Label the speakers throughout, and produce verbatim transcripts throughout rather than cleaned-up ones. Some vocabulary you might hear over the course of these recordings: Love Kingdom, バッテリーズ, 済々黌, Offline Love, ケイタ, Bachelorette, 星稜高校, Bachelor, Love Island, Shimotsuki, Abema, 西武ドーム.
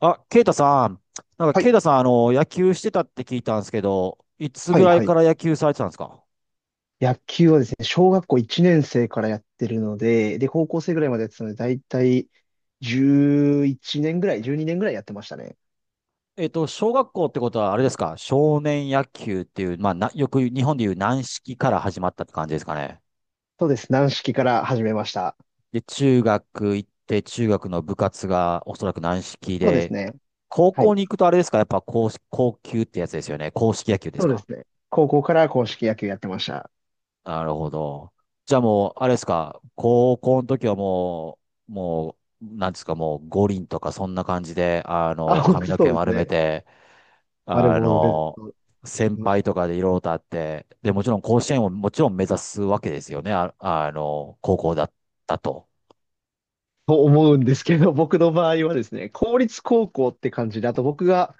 Speaker 1: あ、ケイタさん。なんか、
Speaker 2: はい、
Speaker 1: ケイタさん、あの、野球してたって聞いたんですけど、いつ
Speaker 2: は
Speaker 1: ぐ
Speaker 2: い、
Speaker 1: らい
Speaker 2: は
Speaker 1: か
Speaker 2: い。
Speaker 1: ら野球されてたんですか？
Speaker 2: 野球はですね、小学校いちねん生からやってるので、で、高校生ぐらいまでやってたので、だいたいじゅういちねんぐらい、じゅうにねんぐらいやってましたね。
Speaker 1: えっと、小学校ってことは、あれですか？少年野球っていう、まあ、な、よく日本でいう軟式から始まったって感じですかね。
Speaker 2: そうです。軟式から始めました。
Speaker 1: で、中学行って、中学の部活がおそらく軟式
Speaker 2: そうです
Speaker 1: で、
Speaker 2: ね。
Speaker 1: 高
Speaker 2: は
Speaker 1: 校
Speaker 2: い。
Speaker 1: に行くとあれですか？やっぱ硬、硬球ってやつですよね。硬式野球で
Speaker 2: そ
Speaker 1: す
Speaker 2: うで
Speaker 1: か？
Speaker 2: すね。高校から硬式野球やってました。
Speaker 1: なるほど。じゃあもう、あれですか、高校の時はもう、もう、なんですか、もう五輪とかそんな感じで、あ
Speaker 2: あ、
Speaker 1: の、
Speaker 2: 本
Speaker 1: 髪
Speaker 2: 当
Speaker 1: の
Speaker 2: そ
Speaker 1: 毛
Speaker 2: うです
Speaker 1: 丸め
Speaker 2: ね。
Speaker 1: て、
Speaker 2: 丸
Speaker 1: あ
Speaker 2: 坊主でずっ
Speaker 1: の、
Speaker 2: と
Speaker 1: 先
Speaker 2: いまし
Speaker 1: 輩
Speaker 2: た。
Speaker 1: とかでいろいろとあって、で、もちろん甲子園をもちろん目指すわけですよね、あ、あの、高校だったと。
Speaker 2: と思うんですけど、僕の場合はですね、公立高校って感じで、あと僕が、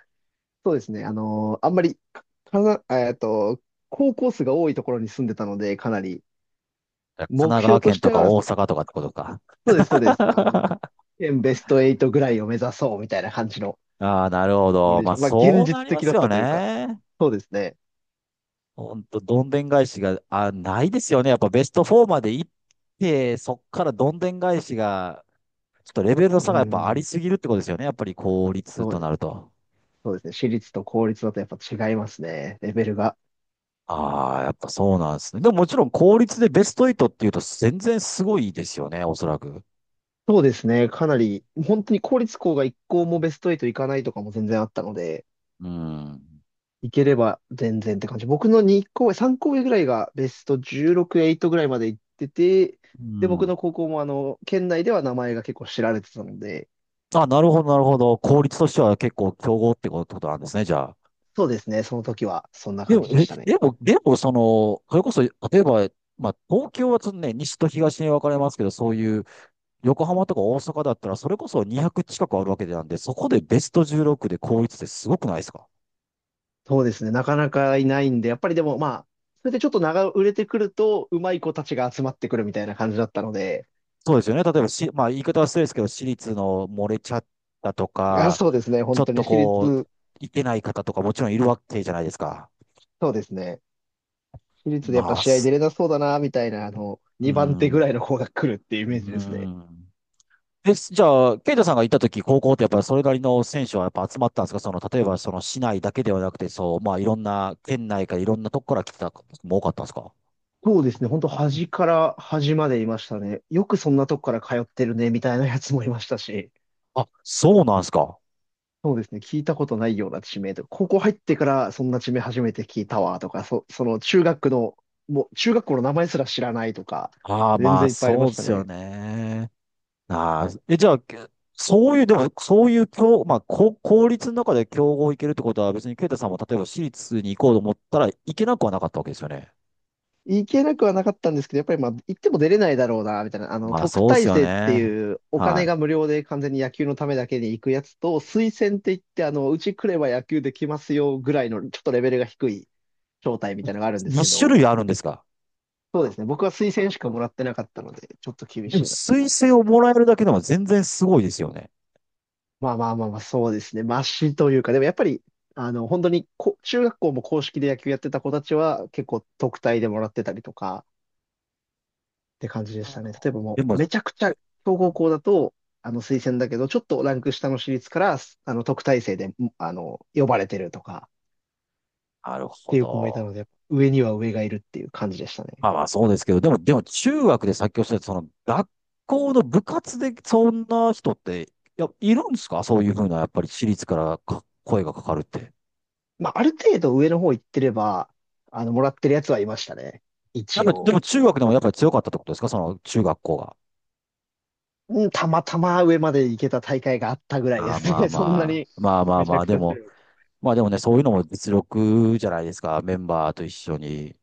Speaker 2: そうですね、あのーあんまり、かな、えっと、高校数が多いところに住んでたので、かなり、
Speaker 1: 神
Speaker 2: 目
Speaker 1: 奈川
Speaker 2: 標と
Speaker 1: 県
Speaker 2: して
Speaker 1: とか
Speaker 2: は、
Speaker 1: 大
Speaker 2: そ
Speaker 1: 阪とかってことか。
Speaker 2: うです、そうです。あの、現ベストはちぐらいを目指そうみたいな感じの
Speaker 1: ああ、なるほ
Speaker 2: ノ
Speaker 1: ど。
Speaker 2: リで
Speaker 1: ま
Speaker 2: し
Speaker 1: あ、
Speaker 2: た。まあ、現
Speaker 1: そうな
Speaker 2: 実
Speaker 1: りま
Speaker 2: 的だ
Speaker 1: す
Speaker 2: っ
Speaker 1: よ
Speaker 2: たというか、
Speaker 1: ね。
Speaker 2: そうですね。
Speaker 1: ほんと、どんでん返しが、あ、ないですよね。やっぱベストよんまで行って、そっからどんでん返しが、ちょっとレベルの
Speaker 2: う
Speaker 1: 差がやっぱあり
Speaker 2: ん、
Speaker 1: すぎるってことですよね。やっぱり効率
Speaker 2: そう
Speaker 1: と
Speaker 2: です、
Speaker 1: なると。
Speaker 2: そうですね。私立と公立だとやっぱ違いますね、レベルが。
Speaker 1: ああ、やっぱそうなんですね。でも、もちろん効率でベストはちっていうと全然すごいですよね、おそらく。
Speaker 2: そうですね、かなり、本当に公立校がいっ校もベストはち行かないとかも全然あったので、
Speaker 1: うん。
Speaker 2: 行ければ全然って感じ。僕のに校上、さん校上ぐらいがベストじゅうろく、はちぐらいまで行ってて、
Speaker 1: う
Speaker 2: で、僕
Speaker 1: ん。
Speaker 2: の高校もあの、県内では名前が結構知られてたので、
Speaker 1: あ、なるほど、なるほど。効率としては結構強豪ってことなんですね、じゃあ。
Speaker 2: そうですね。その時は、そんな
Speaker 1: で
Speaker 2: 感
Speaker 1: も、
Speaker 2: じで
Speaker 1: え、
Speaker 2: したね。
Speaker 1: でも、でも、その、それこそ、例えば、まあ、東京はちょっとね、西と東に分かれますけど、そういう、横浜とか大阪だったら、それこそにひゃく近くあるわけなんで、そこでベストじゅうろくで高一ってすごくないですか？
Speaker 2: そうですね。なかなかいないんで、やっぱりでもまあ、それでちょっと長売れてくると、うまい子たちが集まってくるみたいな感じだったので、
Speaker 1: そうですよね。例えばし、まあ、言い方は失礼ですけど、私立の漏れちゃったと
Speaker 2: あ、
Speaker 1: か、
Speaker 2: そうですね。
Speaker 1: ちょ
Speaker 2: 本
Speaker 1: っ
Speaker 2: 当
Speaker 1: と
Speaker 2: に私
Speaker 1: こう、
Speaker 2: 立、
Speaker 1: いけない方とかもちろんいるわけじゃないですか。
Speaker 2: そうですね。私立でやっぱ
Speaker 1: まあ、
Speaker 2: 試合出
Speaker 1: す
Speaker 2: れなそうだな、みたいな、あの、
Speaker 1: うー
Speaker 2: にばん手ぐ
Speaker 1: ん、
Speaker 2: らいの子が来るっていうイ
Speaker 1: う
Speaker 2: メージ
Speaker 1: ー
Speaker 2: ですね。
Speaker 1: ん。え、じゃあ、ケイタさんが行った時、高校ってやっぱりそれなりの選手はやっぱ集まったんですか？その、例えばその市内だけではなくて、そう、まあいろんな県内からいろんなとこから来た方も多かったんですか？
Speaker 2: そうですね。本当端から端までいましたね。よくそんなとこから通ってるね、みたいなやつもいましたし。
Speaker 1: あ、そうなんですか。
Speaker 2: そうですね。聞いたことないような地名とか、高校入ってからそんな地名初めて聞いたわとか、そ、その中学の、もう中学校の名前すら知らないとか、
Speaker 1: ああ、
Speaker 2: 全
Speaker 1: まあ、
Speaker 2: 然いっぱいありま
Speaker 1: そう
Speaker 2: し
Speaker 1: で
Speaker 2: た
Speaker 1: すよ
Speaker 2: ね。
Speaker 1: ね。ああ、え、じゃあ、けそういう、でも、そういう、強、まあ、こ公立の中で競合行けるってことは、別に、ケイタさんも、例えば、私立に行こうと思ったら、行けなくはなかったわけですよね。
Speaker 2: 行けなくはなかったんですけど、やっぱりまあ、行っても出れないだろうな、みたいな。あの、
Speaker 1: まあ、
Speaker 2: 特
Speaker 1: そうで
Speaker 2: 待
Speaker 1: すよ
Speaker 2: 生って
Speaker 1: ね。
Speaker 2: いうお金
Speaker 1: は
Speaker 2: が無料で完全に野球のためだけに行くやつと、推薦って言って、あの、うち来れば野球できますよぐらいの、ちょっとレベルが低い招待みたいなのがあるん
Speaker 1: い。
Speaker 2: です
Speaker 1: に
Speaker 2: け
Speaker 1: 種
Speaker 2: ど、
Speaker 1: 類あるんですか？
Speaker 2: そうですね。僕は推薦しかもらってなかったので、ちょっと厳
Speaker 1: で
Speaker 2: し
Speaker 1: も、
Speaker 2: いなって
Speaker 1: 推
Speaker 2: 感じ。
Speaker 1: 薦をもらえるだけでも全然すごいですよね。
Speaker 2: まあまあまあまあ、そうですね。マシというか、でもやっぱり、あの、本当にこ、中学校も公式で野球やってた子たちは、結構特待でもらってたりとか、って感じでし
Speaker 1: あ
Speaker 2: たね。例えばも
Speaker 1: でも、
Speaker 2: う、めちゃくちゃ
Speaker 1: う
Speaker 2: 強豪
Speaker 1: ん
Speaker 2: 校だと、あの、推薦だけど、ちょっとランク下の私立から、あの、特待生で、あの、呼ばれてるとか、
Speaker 1: なる
Speaker 2: っ
Speaker 1: ほ
Speaker 2: ていう子もいたの
Speaker 1: ど。
Speaker 2: で、上には上がいるっていう感じでしたね。
Speaker 1: まあまあそうですけど、でも、でも中学でさっきおっしゃった、その学校の部活でそんな人って、いや、いるんですか？そういうふうな、やっぱり私立からか声がかかるって。
Speaker 2: まあ、ある程度上の方行ってれば、あの、もらってるやつはいましたね。
Speaker 1: やっ
Speaker 2: 一
Speaker 1: ぱり、で
Speaker 2: 応。
Speaker 1: も中学でもやっぱり強かったってことですか？その中学校が。
Speaker 2: うん、たまたま上まで行けた大会があったぐらいで
Speaker 1: ああ、
Speaker 2: す
Speaker 1: まあ
Speaker 2: ね。そんな
Speaker 1: ま
Speaker 2: に
Speaker 1: あ、まあまあ
Speaker 2: めち
Speaker 1: ま
Speaker 2: ゃ
Speaker 1: あ、
Speaker 2: くち
Speaker 1: で
Speaker 2: ゃ強
Speaker 1: も、
Speaker 2: いわけ。
Speaker 1: まあでもね、そういうのも実力じゃないですか。メンバーと一緒に。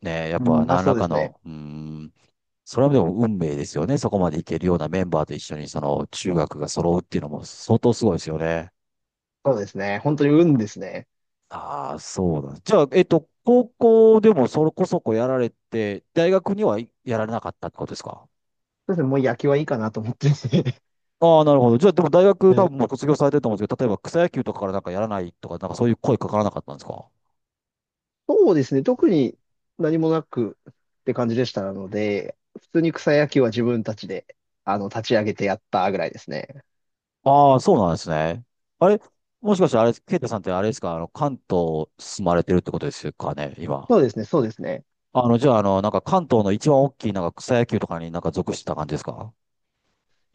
Speaker 1: ね、やっ
Speaker 2: うん、
Speaker 1: ぱ
Speaker 2: まあ、
Speaker 1: 何
Speaker 2: そ
Speaker 1: ら
Speaker 2: うで
Speaker 1: か
Speaker 2: すね。
Speaker 1: の、うーん、それはでも運命ですよね。そこまでいけるようなメンバーと一緒に、その中学が揃うっていうのも相当すごいですよね。
Speaker 2: そうですね。本当に運ですね。
Speaker 1: ああ、そうだ。じゃあ、えっと、高校でもそこそこやられて、大学にはいやられなかったってことですか？
Speaker 2: そうですね。もう野球はいいかなと思ってですね。
Speaker 1: ああ、なるほど。じゃあ、でも大 学
Speaker 2: は
Speaker 1: 多
Speaker 2: い。
Speaker 1: 分もう卒業されてると思うんですけど、例えば草野球とかからなんかやらないとか、なんかそういう声かからなかったんですか？
Speaker 2: そうですね。特に何もなくって感じでしたので、普通に草野球は自分たちで、あの、立ち上げてやったぐらいですね。
Speaker 1: ああ、そうなんですね。あれ、もしかしてあれ、ケイタさんってあれですか、あの、関東住まれてるってことですかね、今。
Speaker 2: そうですね。そうですね。
Speaker 1: あの、じゃあ、あの、なんか関東の一番大きいなんか草野球とかになんか属してた感じですか？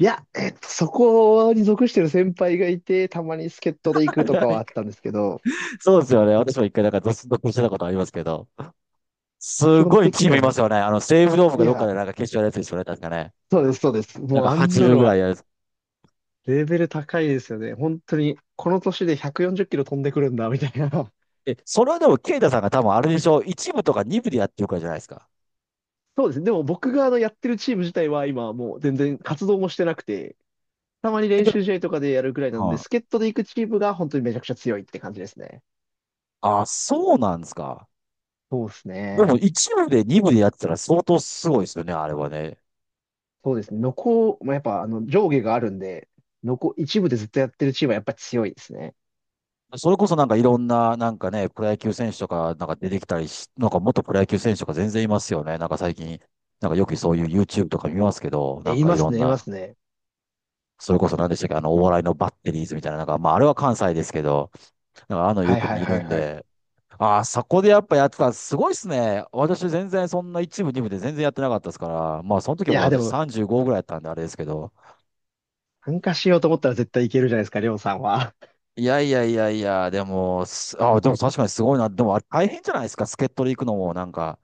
Speaker 2: いや、えっと、そこに属してる先輩がいて、たまに助っ人で行くとかはあったん ですけど、
Speaker 1: そうですよね。私も一回なんか属属してたことありますけど。
Speaker 2: 基
Speaker 1: す
Speaker 2: 本
Speaker 1: ごい
Speaker 2: 的
Speaker 1: チー
Speaker 2: に
Speaker 1: ム
Speaker 2: は
Speaker 1: います
Speaker 2: も
Speaker 1: よね。あの、西武ドーム
Speaker 2: う、い
Speaker 1: かどっかで
Speaker 2: や、
Speaker 1: なんか決勝やるやつですよね、確かね。
Speaker 2: そうです、そうです。
Speaker 1: なん
Speaker 2: もう
Speaker 1: か
Speaker 2: あん
Speaker 1: はち
Speaker 2: な
Speaker 1: 部
Speaker 2: の
Speaker 1: ぐら
Speaker 2: は
Speaker 1: いやるやつ。
Speaker 2: レベル高いですよね。本当に、この年でひゃくよんじゅっキロ飛んでくるんだ、みたいな。
Speaker 1: え、それはでも、ケイタさんが多分あれでしょ、一部とか二部でやってるからじゃないですか。
Speaker 2: そうですね。でも僕があのやってるチーム自体は今はもう全然活動もしてなくて、たまに
Speaker 1: え、
Speaker 2: 練
Speaker 1: で、う
Speaker 2: 習試合とかでやるぐらいなんで、
Speaker 1: ん。
Speaker 2: 助っ人で行くチームが本当にめちゃくちゃ強いって感じですね。
Speaker 1: あ、そうなんですか。
Speaker 2: そうです
Speaker 1: でも、
Speaker 2: ね。
Speaker 1: 一部で二部でやってたら相当すごいですよね、あれはね。
Speaker 2: そうですね。ノコ、まあ、やっぱあの上下があるんで、ノコ一部でずっとやってるチームはやっぱ強いですね。
Speaker 1: それこそなんかいろんな、なんかね、プロ野球選手とか、なんか出てきたりし、なんか元プロ野球選手とか全然いますよね。なんか最近、なんかよくそういう YouTube とか見ますけど、な
Speaker 2: え、
Speaker 1: ん
Speaker 2: い
Speaker 1: かい
Speaker 2: ま
Speaker 1: ろ
Speaker 2: す
Speaker 1: ん
Speaker 2: ね、いま
Speaker 1: な、
Speaker 2: すね。
Speaker 1: それこそ何でしたっけ、あの、お笑いのバッテリーズみたいな、なんか、まああれは関西ですけど、なんかああいうの
Speaker 2: は
Speaker 1: よ
Speaker 2: い
Speaker 1: く
Speaker 2: はい
Speaker 1: 見
Speaker 2: は
Speaker 1: る
Speaker 2: い
Speaker 1: ん
Speaker 2: はい。
Speaker 1: で、ああ、そこでやっぱやってた、すごいっすね。私全然そんな一部、二部で全然やってなかったですから、まあその時
Speaker 2: い
Speaker 1: はもう
Speaker 2: や、で
Speaker 1: 私
Speaker 2: も
Speaker 1: さんじゅうごぐらいやったんであれですけど、
Speaker 2: 参加しようと思ったら絶対いけるじゃないですか、りょうさんは。
Speaker 1: いやいやいやいや、でも、すああ、でも確かにすごいな。でもあれ大変じゃないですか、助っ人で行くのもなんか、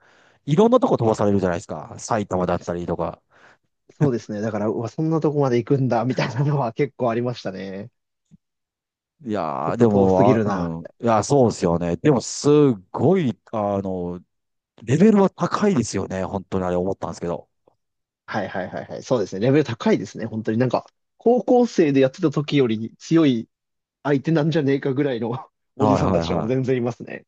Speaker 1: いろんなとこ飛ばされるじゃないですか、埼玉だったり とか。
Speaker 2: そうですね。だから、うわ、そんなとこまで行くんだ、みたいなのは結構ありましたね。
Speaker 1: い
Speaker 2: ちょ
Speaker 1: や
Speaker 2: っ
Speaker 1: ー、で
Speaker 2: と遠す
Speaker 1: も、
Speaker 2: ぎ
Speaker 1: あ、
Speaker 2: るな、み
Speaker 1: うん。
Speaker 2: たい
Speaker 1: いや、そうですよね。でも、すっごい、あの、レベルは高いですよね。本当にあれ思ったんですけど。
Speaker 2: な。はいはいはいはい。そうですね。レベル高いですね。本当になんか、高校生でやってた時より強い相手なんじゃねえかぐらいの おじ
Speaker 1: はい
Speaker 2: さん
Speaker 1: は
Speaker 2: た
Speaker 1: い
Speaker 2: ちとかも
Speaker 1: はい。
Speaker 2: 全然いますね。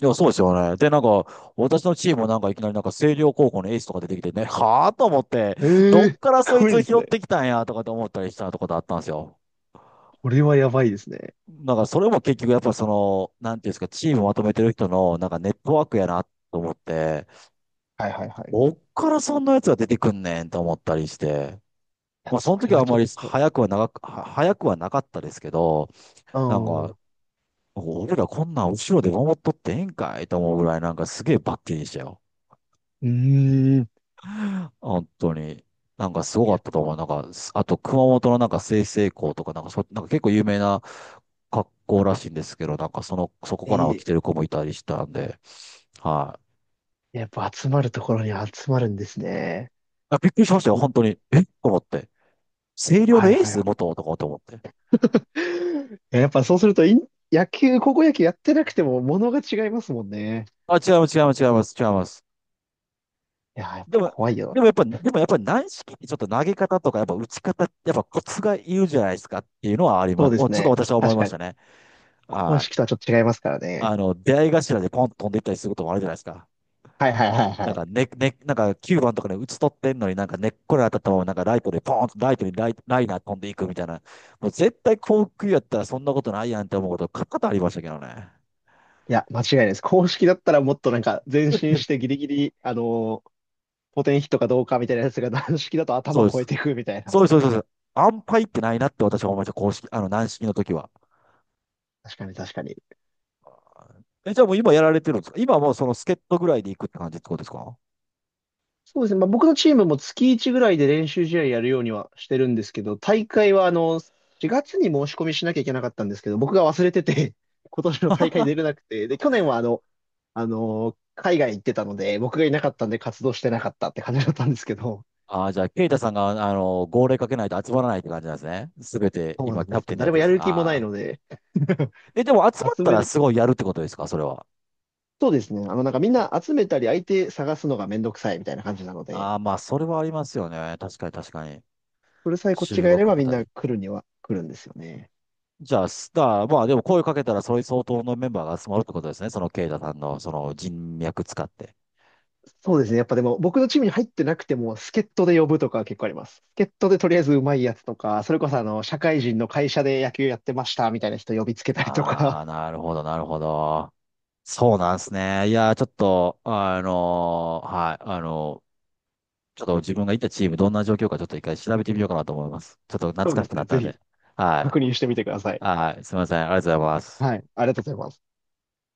Speaker 1: いや、そうですよね。で、なんか、私のチームもなんかいきなりなんか星稜高校のエースとか出てきてね、はぁと思って、
Speaker 2: え
Speaker 1: ど
Speaker 2: えー、
Speaker 1: っから
Speaker 2: す
Speaker 1: そい
Speaker 2: ごい
Speaker 1: つ
Speaker 2: です
Speaker 1: 拾っ
Speaker 2: ね。
Speaker 1: てきたんやとかって思ったりしたとかだったんですよ。
Speaker 2: これはやばいですね。
Speaker 1: なんからそれも結局やっぱその、なんていうんですか、チームまとめてる人のなんかネットワークやなと思って、
Speaker 2: はいはいはい。
Speaker 1: ど
Speaker 2: い
Speaker 1: っからそんなやつが出てくんねんと思ったりして、
Speaker 2: や、
Speaker 1: まあその
Speaker 2: それ
Speaker 1: 時は
Speaker 2: は
Speaker 1: あん
Speaker 2: ちょ
Speaker 1: ま
Speaker 2: っ
Speaker 1: り
Speaker 2: と、
Speaker 1: 早くは長く、は早くはなかったですけど、
Speaker 2: う
Speaker 1: なん
Speaker 2: ん。
Speaker 1: か、
Speaker 2: う
Speaker 1: 俺らこんなん後ろで守っとってええんかいと思うぐらいなんかすげえバッテリーでしたよ。
Speaker 2: ーん。
Speaker 1: 本当に。なんかすごか
Speaker 2: やっ
Speaker 1: っ
Speaker 2: ぱ、
Speaker 1: たと思う。なんか、すあと熊本のなんか済々黌とか、なんかそ、なんか結構有名な格好らしいんですけど、なんかその、そこ
Speaker 2: え
Speaker 1: から起来
Speaker 2: ー
Speaker 1: てる子もいたりしたんで、はい。
Speaker 2: やっぱ集まるところに集まるんですね。
Speaker 1: あ、びっくりしましたよ、
Speaker 2: う
Speaker 1: 本当に。えと思って。星稜
Speaker 2: は
Speaker 1: の
Speaker 2: い
Speaker 1: エー
Speaker 2: はいは
Speaker 1: ス
Speaker 2: い。
Speaker 1: 元とかと思って。
Speaker 2: やっぱそうするとイン、野球、高校野球やってなくても物が違いますもんね。
Speaker 1: あ、違います、違います、違います、違います。
Speaker 2: いやー、やっ
Speaker 1: で
Speaker 2: ぱ
Speaker 1: も、
Speaker 2: 怖いよ。
Speaker 1: でもやっぱ、でもやっぱり軟式ってちょっと投げ方とか、やっぱ打ち方、やっぱコツがいるじゃないですかっていうのはありま
Speaker 2: そう
Speaker 1: す。
Speaker 2: で
Speaker 1: お、
Speaker 2: す
Speaker 1: ちょっと
Speaker 2: ね。
Speaker 1: 私は思い
Speaker 2: 確
Speaker 1: ま
Speaker 2: か
Speaker 1: し
Speaker 2: に。
Speaker 1: たね。
Speaker 2: 公
Speaker 1: はい。
Speaker 2: 式とはちょっと違いますから
Speaker 1: あ
Speaker 2: ね。
Speaker 1: の、出会い頭でポンと飛んでいったりすることもあるじゃないですか。
Speaker 2: はいはいはい
Speaker 1: なん
Speaker 2: はい。
Speaker 1: かね、ね、なんかきゅうばんとかで打ち取ってんのになんか根っこに当たったままなんかライトでポーンとライトにライ、ライナー飛んでいくみたいな。もう絶対幸福やったらそんなことないやんって思うことが多々ありましたけどね。
Speaker 2: いや、間違いないです。公式だったらもっとなんか前進し てギリギリ、あのー、ポテンヒットかどうかみたいなやつが軟式だと
Speaker 1: そう
Speaker 2: 頭
Speaker 1: で
Speaker 2: 超え
Speaker 1: す。
Speaker 2: ていくみたいな。
Speaker 1: そうです、そうです。そうです安牌ってないなって私は思いました。公式、あの、軟式の時は。
Speaker 2: 確かに確かに。
Speaker 1: え、じゃあもう今やられてるんですか？今はもうその助っ人ぐらいで行くって感じってことですか？
Speaker 2: そうですね。まあ、僕のチームも月いちぐらいで練習試合やるようにはしてるんですけど、大
Speaker 1: う
Speaker 2: 会
Speaker 1: ん。
Speaker 2: はあの、しがつに申し込みしなきゃいけなかったんですけど、僕が忘れてて、今年の大会出れなくて、で、去年はあの、あの、海外行ってたので、僕がいなかったんで活動してなかったって感じだったんですけど、
Speaker 1: ああじゃあ、ケイタさんが、あの、号令かけないと集まらないって感じなんですね。すべて、
Speaker 2: そう
Speaker 1: 今、
Speaker 2: なん
Speaker 1: キ
Speaker 2: で
Speaker 1: ャプ
Speaker 2: す。
Speaker 1: テンでやっ
Speaker 2: 誰
Speaker 1: て
Speaker 2: も
Speaker 1: るんで
Speaker 2: や
Speaker 1: す。あ
Speaker 2: る気もない
Speaker 1: あ。
Speaker 2: ので、
Speaker 1: え、でも集まっ
Speaker 2: 集
Speaker 1: た
Speaker 2: め
Speaker 1: ら
Speaker 2: る。
Speaker 1: すごいやるってことですか？それは。
Speaker 2: そうですね。あの、なんかみんな集めたり相手探すのがめんどくさいみたいな感じなので、
Speaker 1: ああ、まあ、それはありますよね。確かに確かに。
Speaker 2: それさえこっち
Speaker 1: 集
Speaker 2: がや
Speaker 1: 合
Speaker 2: れ
Speaker 1: か
Speaker 2: ば
Speaker 1: け
Speaker 2: みん
Speaker 1: た
Speaker 2: な
Speaker 1: り。
Speaker 2: 来るには来るんですよね。
Speaker 1: じゃあ、スター、まあでも声かけたら、それ相当のメンバーが集まるってことですね。その、ケイタさんの、その人脈使って。
Speaker 2: そうですね。やっぱでも、僕のチームに入ってなくても、助っ人で呼ぶとかは結構あります。助っ人でとりあえずうまいやつとか、それこそあの、社会人の会社で野球やってましたみたいな人呼びつけたりとか、
Speaker 1: ああ、なるほど、なるほど。そうなんですね。いやー、ちょっと、あのーはい、あのーちょっと自分がいたチーム、どんな状況か、ちょっと一回調べてみようかなと思います。ちょっと 懐
Speaker 2: そう
Speaker 1: か
Speaker 2: で
Speaker 1: しく
Speaker 2: す
Speaker 1: な
Speaker 2: ね。
Speaker 1: った
Speaker 2: ぜ
Speaker 1: ん
Speaker 2: ひ
Speaker 1: で。はい、
Speaker 2: 確認してみてください。
Speaker 1: はい、すみません。ありがとうございます。
Speaker 2: はい。ありがとうございます。